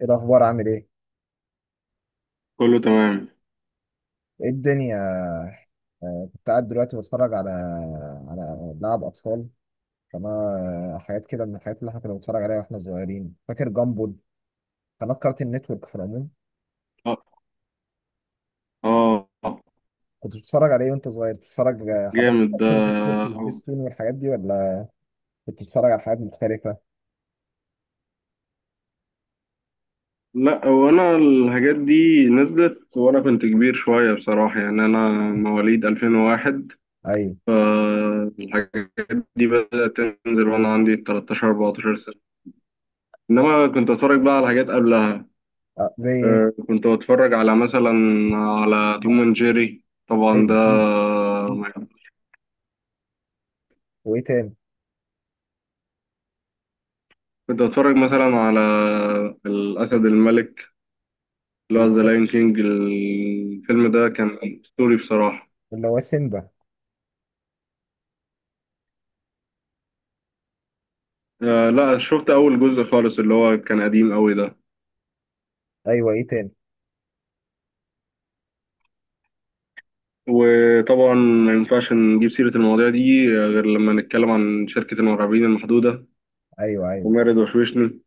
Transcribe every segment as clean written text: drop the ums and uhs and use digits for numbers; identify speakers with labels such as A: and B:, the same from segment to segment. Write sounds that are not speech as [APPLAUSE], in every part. A: ايه الاخبار؟ عامل ايه؟
B: كله تمام.
A: ايه الدنيا؟ كنت قاعد دلوقتي بتفرج على لعب اطفال، قناه. حاجات كده من الحاجات اللي احنا كنا بنتفرج عليها واحنا صغيرين، فاكر جامبول؟ قناه كارتين نتورك في العموم.
B: اه. اه.
A: كنت بتتفرج على ايه وانت صغير؟ بتتفرج حضرتك
B: جامد ده.
A: كارتين نتورك وسبيستون والحاجات دي ولا كنت بتتفرج على حاجات مختلفه؟
B: لا، هو انا الحاجات دي نزلت وانا كنت كبير شوية بصراحة، يعني انا مواليد 2001،
A: ايوه،
B: فالحاجات دي بدأت تنزل وانا عندي 13 14 سنة، انما كنت اتفرج بقى على حاجات قبلها.
A: أه زي ايه؟
B: كنت بتفرج على مثلا على توم اند جيري طبعا
A: ايوه
B: ده.
A: اكيد، أكيد. وايه تاني؟
B: كنت اتفرج مثلا على الاسد الملك،
A: اللي
B: لا ذا
A: هو،
B: لاين كينج، الفيلم ده كان اسطوري بصراحة.
A: اللي هو سيمبا.
B: آه لا، شفت اول جزء خالص اللي هو كان قديم قوي ده.
A: ايوه، ايه تاني؟
B: وطبعا ما ينفعش نجيب سيرة المواضيع دي غير لما نتكلم عن شركة المرعبين المحدودة
A: ايوه ايوه.
B: ومارد وشوشني،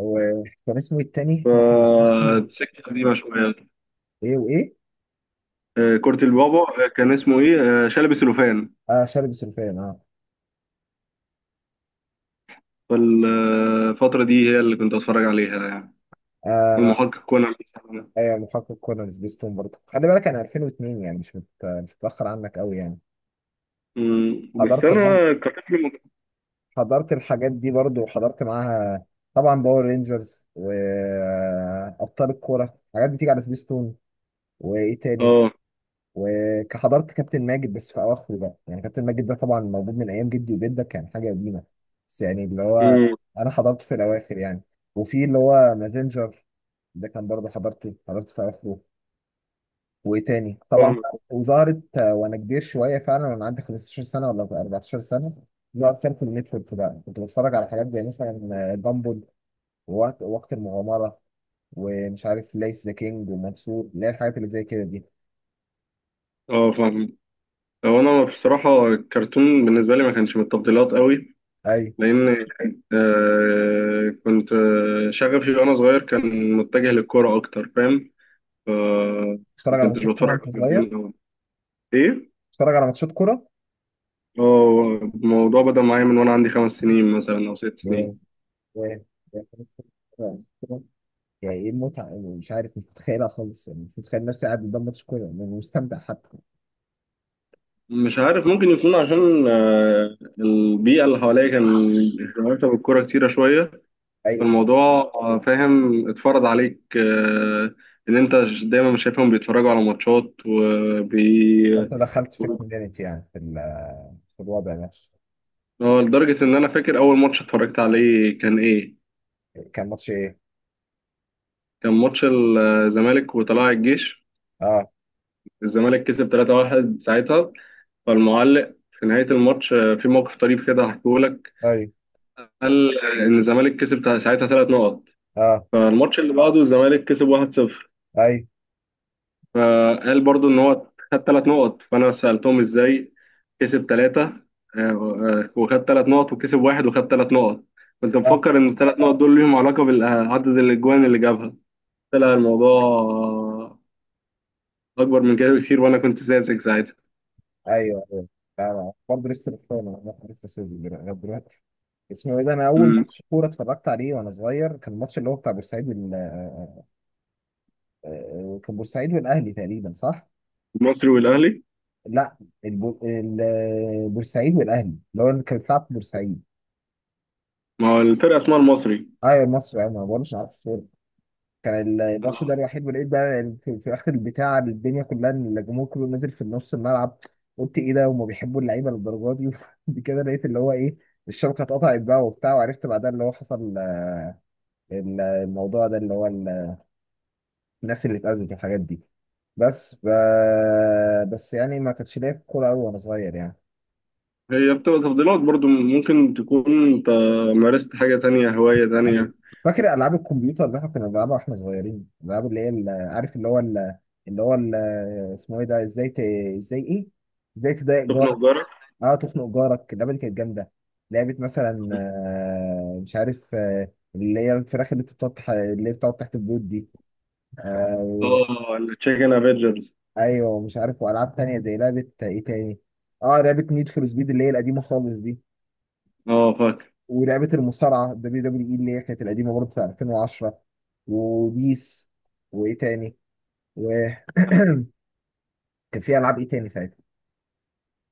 A: هو كان اسمه إيه التاني؟
B: فالسكة قديمة شوية.
A: ايه وايه؟
B: آه كرة البابا، كان اسمه ايه، آه شلبي سلوفان.
A: اه شارب سلفان اه.
B: فالفترة دي هي اللي كنت اتفرج عليها يعني،
A: آه،
B: والمحقق كونان.
A: ايوه محقق كونان، سبيستون برضه، خلي بالك انا 2002، يعني مش متاخر عنك قوي يعني.
B: بس
A: حضرت برضه،
B: انا كطفل
A: حضرت الحاجات دي برضه، وحضرت معاها طبعا باور رينجرز وابطال الكوره، حاجات بتيجي على سبيستون. وايه تاني؟
B: اه.
A: وحضرت كابتن ماجد بس في اواخره بقى، يعني كابتن ماجد ده طبعا موجود من ايام جدي وجدك، كان حاجه قديمه، بس يعني اللي هو
B: أمم،
A: انا حضرته في الاواخر يعني. وفي اللي هو مازنجر، ده كان برضه حضرته، في اواخره. وايه تاني طبعا؟
B: فاهمك.
A: وظهرت وانا كبير شويه فعلا، وانا عندي 15 سنه ولا 14 سنه، ظهرت كان في النتورك بقى، كنت بتفرج على حاجات زي مثلا دامبل، ووقت وقت المغامره، ومش عارف ليس ذا كينج ومنصور، اللي هي الحاجات اللي زي كده دي.
B: اه، فاهمك. هو انا بصراحه الكرتون بالنسبه لي ما كانش من التفضيلات قوي،
A: ايوه.
B: لان آه كنت، شغفي وانا صغير كان متجه للكوره اكتر، فاهم؟ ف ما
A: بتتفرج على
B: كنتش
A: ماتشات كوره
B: بتفرج
A: وانت
B: على
A: صغير؟
B: الكرتون أوي. ايه؟
A: بتتفرج على ماتشات كوره؟
B: اه، الموضوع بدأ معايا من وانا عندي 5 سنين مثلا او ست
A: يا
B: سنين
A: يا يا يعني ايه المتعه؟ يعني مش عارف، مش متخيلها خالص، يعني مش متخيل نفسي قاعد قدام ماتش كوره يعني مستمتع حتى.
B: مش عارف، ممكن يكون عشان البيئه اللي حواليا كان رابطه بالكوره كتيره شويه.
A: ايوه،
B: الموضوع فاهم، اتفرض عليك ان انت دايما شايفهم بيتفرجوا على ماتشات
A: حتى دخلت في الكوميونتي يعني، في في الوضع ده.
B: اه. لدرجة ان انا فاكر اول ماتش اتفرجت عليه كان ايه.
A: كان ماتش ايه؟
B: كان ماتش الزمالك وطلائع الجيش،
A: اه.
B: الزمالك كسب 3-1 ساعتها. فالمعلق في نهاية الماتش في موقف طريف كده هحكيه لك.
A: اي.
B: قال ان الزمالك كسب ساعتها 3 نقط.
A: اه.
B: فالماتش اللي بعده الزمالك كسب 1-0،
A: اي.
B: فقال برضو ان هو خد 3 نقط. فانا سالتهم ازاي كسب ثلاثه وخد 3 نقط، وكسب واحد وخد 3 نقط؟ كنت
A: اه.
B: مفكر ان الثلاث نقط دول ليهم علاقه بعدد الاجوان اللي جابها. طلع الموضوع اكبر من كده بكتير، وانا كنت ساذج ساعتها.
A: ايوه ايوه. لا، لا، برضه لسه بتفاهم، انا لسه سيدي لغايه دلوقتي. اسمه ايه ده؟ انا اول
B: أمم.
A: ماتش كوره اتفرجت عليه وانا صغير، كان الماتش اللي هو بتاع بورسعيد وال آه، كان بورسعيد والاهلي تقريبا، صح؟
B: المصري والاهلي.
A: لا، بورسعيد والاهلي، اللي هو اللي كان بيلعب في بورسعيد.
B: ما هو الفرقه اسمها المصري.
A: ايوه مصر، انا ما بقولش عارف. كان الماتش ده
B: آه،
A: الوحيد، ولقيت بقى في اخر البتاع الدنيا كلها، إن الجمهور كله نازل في نص الملعب. قلت ايه ده؟ هما بيحبوا اللعيبه للدرجه دي؟ [LAUGHS] وبعد كده لقيت اللي هو ايه، الشبكه اتقطعت بقى وبتاع، وعرفت بعدها اللي هو حصل، الموضوع ده اللي هو الناس اللي اتأذت والحاجات دي. بس ف... بس يعني ما كانتش ليا كوره قوي وانا صغير يعني.
B: هي بتبقى تفضيلات برضو، ممكن تكون انت مارست حاجه تانية، هوايه
A: أيوة.
B: تانية.
A: فاكر العاب الكمبيوتر اللي احنا كنا بنلعبها واحنا صغيرين؟ الالعاب اللي هي عارف اللي هو اللي هو ال- اسمه ايه ده؟ ازاي ت... ازاي ايه ازاي تضايق جارك؟
B: تخنق جارك.
A: اه تخنق جارك، اللعبه دي كانت جامده. لعبه مثلا مش عارف، اللي هي الفراخ اللي انت اللي هي بتقعد تحت البيوت دي، آه، و-
B: اه التشيكن افنجرز.
A: ايوه مش عارف. والعاب تانية زي لعبه ايه تاني؟ اه لعبه نيد فور سبيد، اللي هي القديمه خالص دي.
B: اه،
A: ولعبه المصارعه دبليو دبليو اي، اللي هي كانت القديمه برضه بتاع 2010. وبيس. وايه تاني؟ و [CLEARS THROAT] كان في العاب ايه تاني ساعتها؟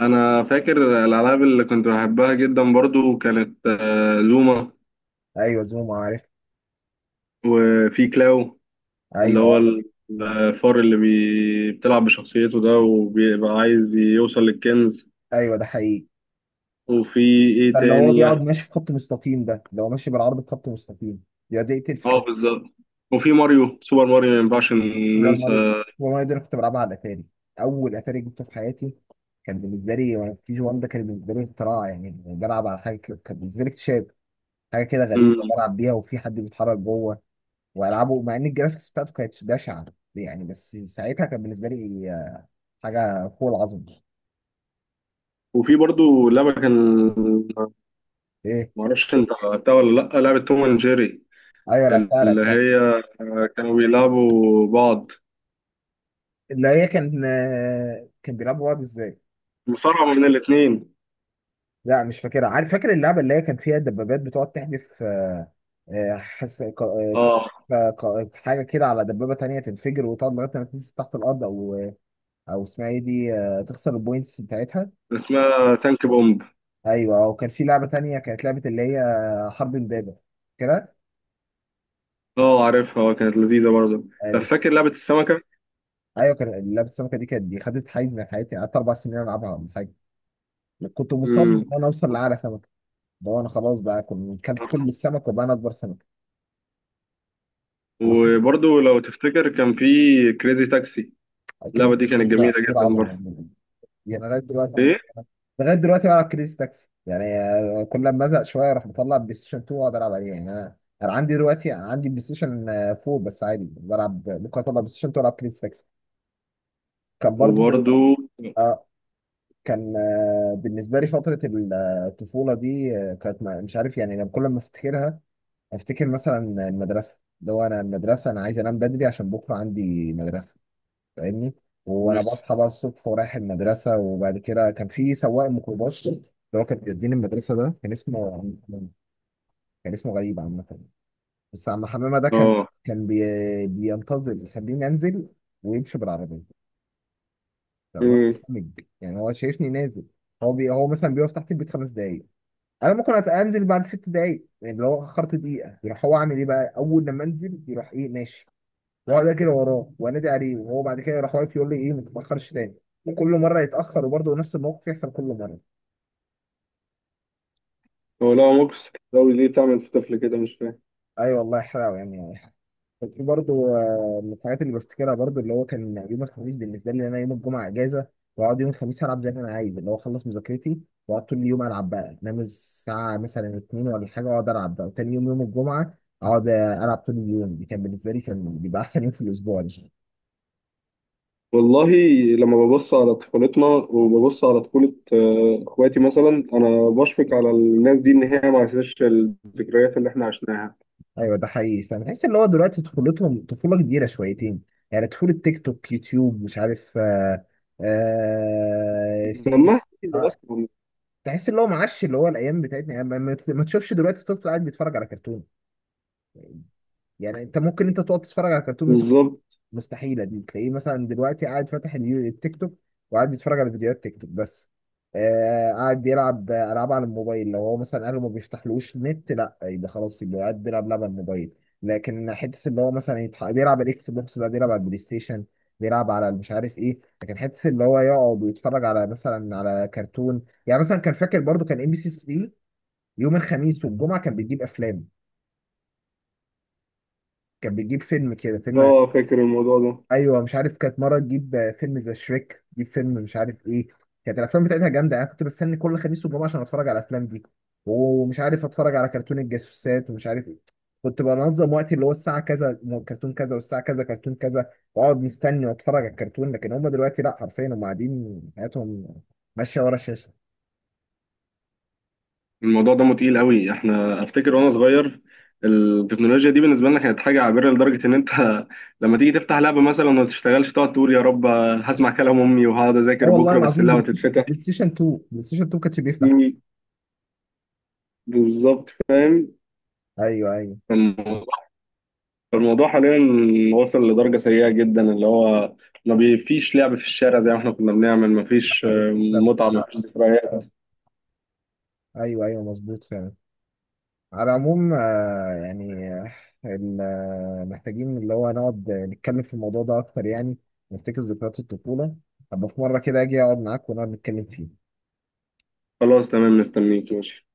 B: انا فاكر الالعاب اللي كنت بحبها جدا برضو كانت، زوما.
A: ايوه زوم، عارف.
B: وفي كلاو، اللي هو
A: ايوه.
B: ال- الفار اللي بتلعب بشخصيته ده، وبيبقى عايز يوصل للكنز.
A: ايوه ده حقيقي.
B: وفي ايه
A: ده اللي هو
B: تاني.
A: بيقعد ماشي في خط مستقيم، ده اللي هو ماشي بالعرض في خط مستقيم، بيقعد يقتل في
B: اه
A: كليب.
B: بالظبط. وفي ماريو، سوبر ماريو، ما ينفعش
A: سوبر ماريو،
B: ننسى.
A: ده انا كنت بلعبها على الاتاري. اول اتاري جبته في حياتي كان بالنسبه لي وانا في كي جي 1، ده كان بالنسبه لي اختراع، يعني بلعب على كان بالنسبه لي اكتشاف، حاجه كده غريبه
B: مم.
A: بلعب بيها وفي حد بيتحرك جوه والعابه، مع ان الجرافيكس بتاعته كانت بشعه يعني، بس ساعتها كان بالنسبه لي حاجه فوق العظم.
B: وفي برضو لعبة كان،
A: ايه؟
B: معرفش انت لعبتها ولا لأ، لعبة توم اند جيري.
A: ايوه لعبتها،
B: اللي هي كانوا بيلعبوا بعض،
A: اللي هي كان كان بيلعبوا بعض ازاي.
B: مصارعة من الاتنين.
A: لا مش فاكرها، عارف فاكر اللعبه اللي هي كان فيها دبابات بتقعد تحدف، آه، آه، حس... ك- آه، بتاع-
B: اه
A: ك- ك- حاجه كده على دبابه تانية تنفجر، وتقعد لغايه ما تنزل تحت الارض او او اسمها ايه دي، تخسر البوينتس بتاعتها.
B: اسمها تانك بومب.
A: ايوه، وكان في لعبه تانية، كانت لعبه اللي هي حرب البابا كده.
B: اه عارفها، اه كانت لذيذة برضه. طب فاكر لعبة السمكة؟
A: ايوه، كان لعبه السمكه دي، كانت دي خدت حيز من حياتي، قعدت اربع سنين العبها ولا حاجه، كنت مصمم ان
B: امم.
A: انا اوصل لاعلى سمكه، اللي هو انا خلاص بقى كنت كلت كل السمك وبقى انا اكبر سمكه. بس كده.
B: وبرضه لو تفتكر كان في كريزي تاكسي، اللعبة دي كانت
A: مش بقى
B: جميلة
A: كتير
B: جدا
A: عظمه
B: برضه.
A: يعني، لغايه دلوقتي،
B: ايه.
A: بلعب كريزي تاكسي يعني، كل ما ازهق شويه اروح مطلع بلاي ستيشن 2 واقعد العب عليه، يعني انا عندي دلوقتي، عندي بلاي ستيشن 4، بس عادي بلعب، ممكن اطلع بلاي ستيشن 2 والعب كريزي تاكسي. كان برضو
B: وبرضه.
A: آه، كان آه، بالنسبه لي فتره الطفوله دي، آه، كانت ما- مش عارف يعني، انا كل ما افتكرها افتكر مثلا المدرسه، اللي هو انا المدرسه انا عايز انام بدري عشان بكره عندي مدرسه، فاهمني؟ وانا
B: بس.
A: بصحى بقى الصبح ورايح المدرسه، وبعد كده كان في سواق ميكروباص اللي هو كان بيوديني المدرسه، ده كان كان اسمه غريب عامه، بس عم حمامه ده كان
B: اه.
A: كان بي... بينتظر يخليني انزل ويمشي بالعربيه، فأنا ببقى
B: امم.
A: خامج. يعني هو شايفني نازل، هو مثلا بيقف تحت البيت خمس دقايق، انا ممكن انزل بعد ست دقايق، يعني لو اخرت دقيقه يروح، هو عامل ايه بقى؟ اول لما انزل يروح، ايه ماشي، واقعد اجري وراه وانادي عليه، وهو بعد كده يروح واقف يقول لي ايه ما تتاخرش تاني. وكل مره يتاخر، وبرضه نفس الموقف يحصل كل مره.
B: هو لا موكس قوي ليه تعمل في طفل كده، مش فاهم.
A: اي والله حلو يعني. في برضه من الحاجات اللي بفتكرها برضه، اللي هو كان يوم الخميس بالنسبه لي، إن انا يوم الجمعه اجازه، واقعد يوم الخميس العب زي ما انا عايز، اللي هو اخلص مذاكرتي واقعد طول اليوم العب بقى، انام الساعه مثلا اتنين ولا حاجه واقعد العب بقى، وتاني يوم يوم الجمعه اقعد العب طول اليوم، دي كان بالنسبه لي كان بيبقى احسن يوم في الاسبوع دي.
B: والله، لما ببص على طفولتنا وببص على طفولة اخواتي مثلا، انا بشفق على الناس دي ان هي ما عاشتش الذكريات اللي احنا عشناها.
A: ايوه ده حقيقي، فانا بحس اللي هو دلوقتي طفولتهم طفوله كبيره شويتين، يعني طفوله تيك توك يوتيوب، مش عارف آه، آه فيس.
B: لما احكي
A: آه،
B: اصلا.
A: تحس اللي هو معاش اللي هو الايام بتاعتنا، يعني ما تشوفش دلوقتي طفل قاعد بيتفرج على كرتون، يعني انت ممكن انت تقعد تتفرج على كرتون وانت
B: بالظبط.
A: مستحيله دي، تلاقيه مثلا دلوقتي قاعد فاتح التيك توك، وقاعد بيتفرج على فيديوهات تيك توك بس، آه قاعد بيلعب العاب على الموبايل، لو هو مثلا اهله ما بيفتحلوش نت لا، يبقى خلاص يبقى قاعد بيلعب لعب على الموبايل، لكن حته اللي هو مثلا بيلعب الاكس بوكس بقى، بيلعب على البلاي ستيشن، بيلعب على مش عارف ايه، لكن حته اللي هو يقعد ويتفرج على مثلا على كرتون يعني. مثلا كان فاكر برضو كان ام بي سي 3 يوم الخميس والجمعه كان بيجيب افلام، كان بيجيب فيلم كده فيلم.
B: اه فاكر الموضوع ده.
A: ايوه مش عارف، كانت مره تجيب فيلم ذا شريك، تجيب فيلم مش عارف ايه، كانت الافلام بتاعتها جامده، انا كنت بستني كل خميس والجمعه عشان اتفرج على الافلام دي، ومش عارف اتفرج على كرتون الجاسوسات ومش عارف ايه، كنت بنظم وقتي، اللي هو الساعه كذا كرتون كذا، والساعه كذا كرتون كذا، واقعد مستني واتفرج على الكرتون، لكن هم دلوقتي لا، حرفيا هم قاعدين حياتهم ماشيه ورا الشاشه.
B: الموضوع دمه تقيل قوي. احنا افتكر وانا صغير التكنولوجيا دي بالنسبه لنا كانت حاجه عابره، لدرجه ان انت [LAUGHS] لما تيجي تفتح لعبه مثلا وما تشتغلش تقعد تقول يا رب هسمع كلام امي وهقعد
A: اه
B: اذاكر
A: والله
B: بكره بس
A: العظيم، بلاي
B: اللعبه
A: ستيشن،
B: تتفتح.
A: بلاي ستيشن 2 كانش بيفتح.
B: مم، بالظبط فاهم.
A: ايوه ايوه
B: الموضوع، الموضوع حاليا وصل لدرجه سيئه جدا، اللي هو ما بي- فيش لعب في الشارع زي ما احنا كنا بنعمل. ما
A: ده
B: فيش
A: حقيقي مش لعبه.
B: متعه، ما فيش ذكريات.
A: ايوه ايوه مظبوط فعلا. على العموم محتاجين اللي هو نقعد نتكلم في الموضوع ده اكتر يعني، نفتكر ذكريات الطفوله، ابقى في مره كده اجي اقعد معاك ونقعد نتكلم فيه.
B: خلاص تمام، مستنيك، ماشي.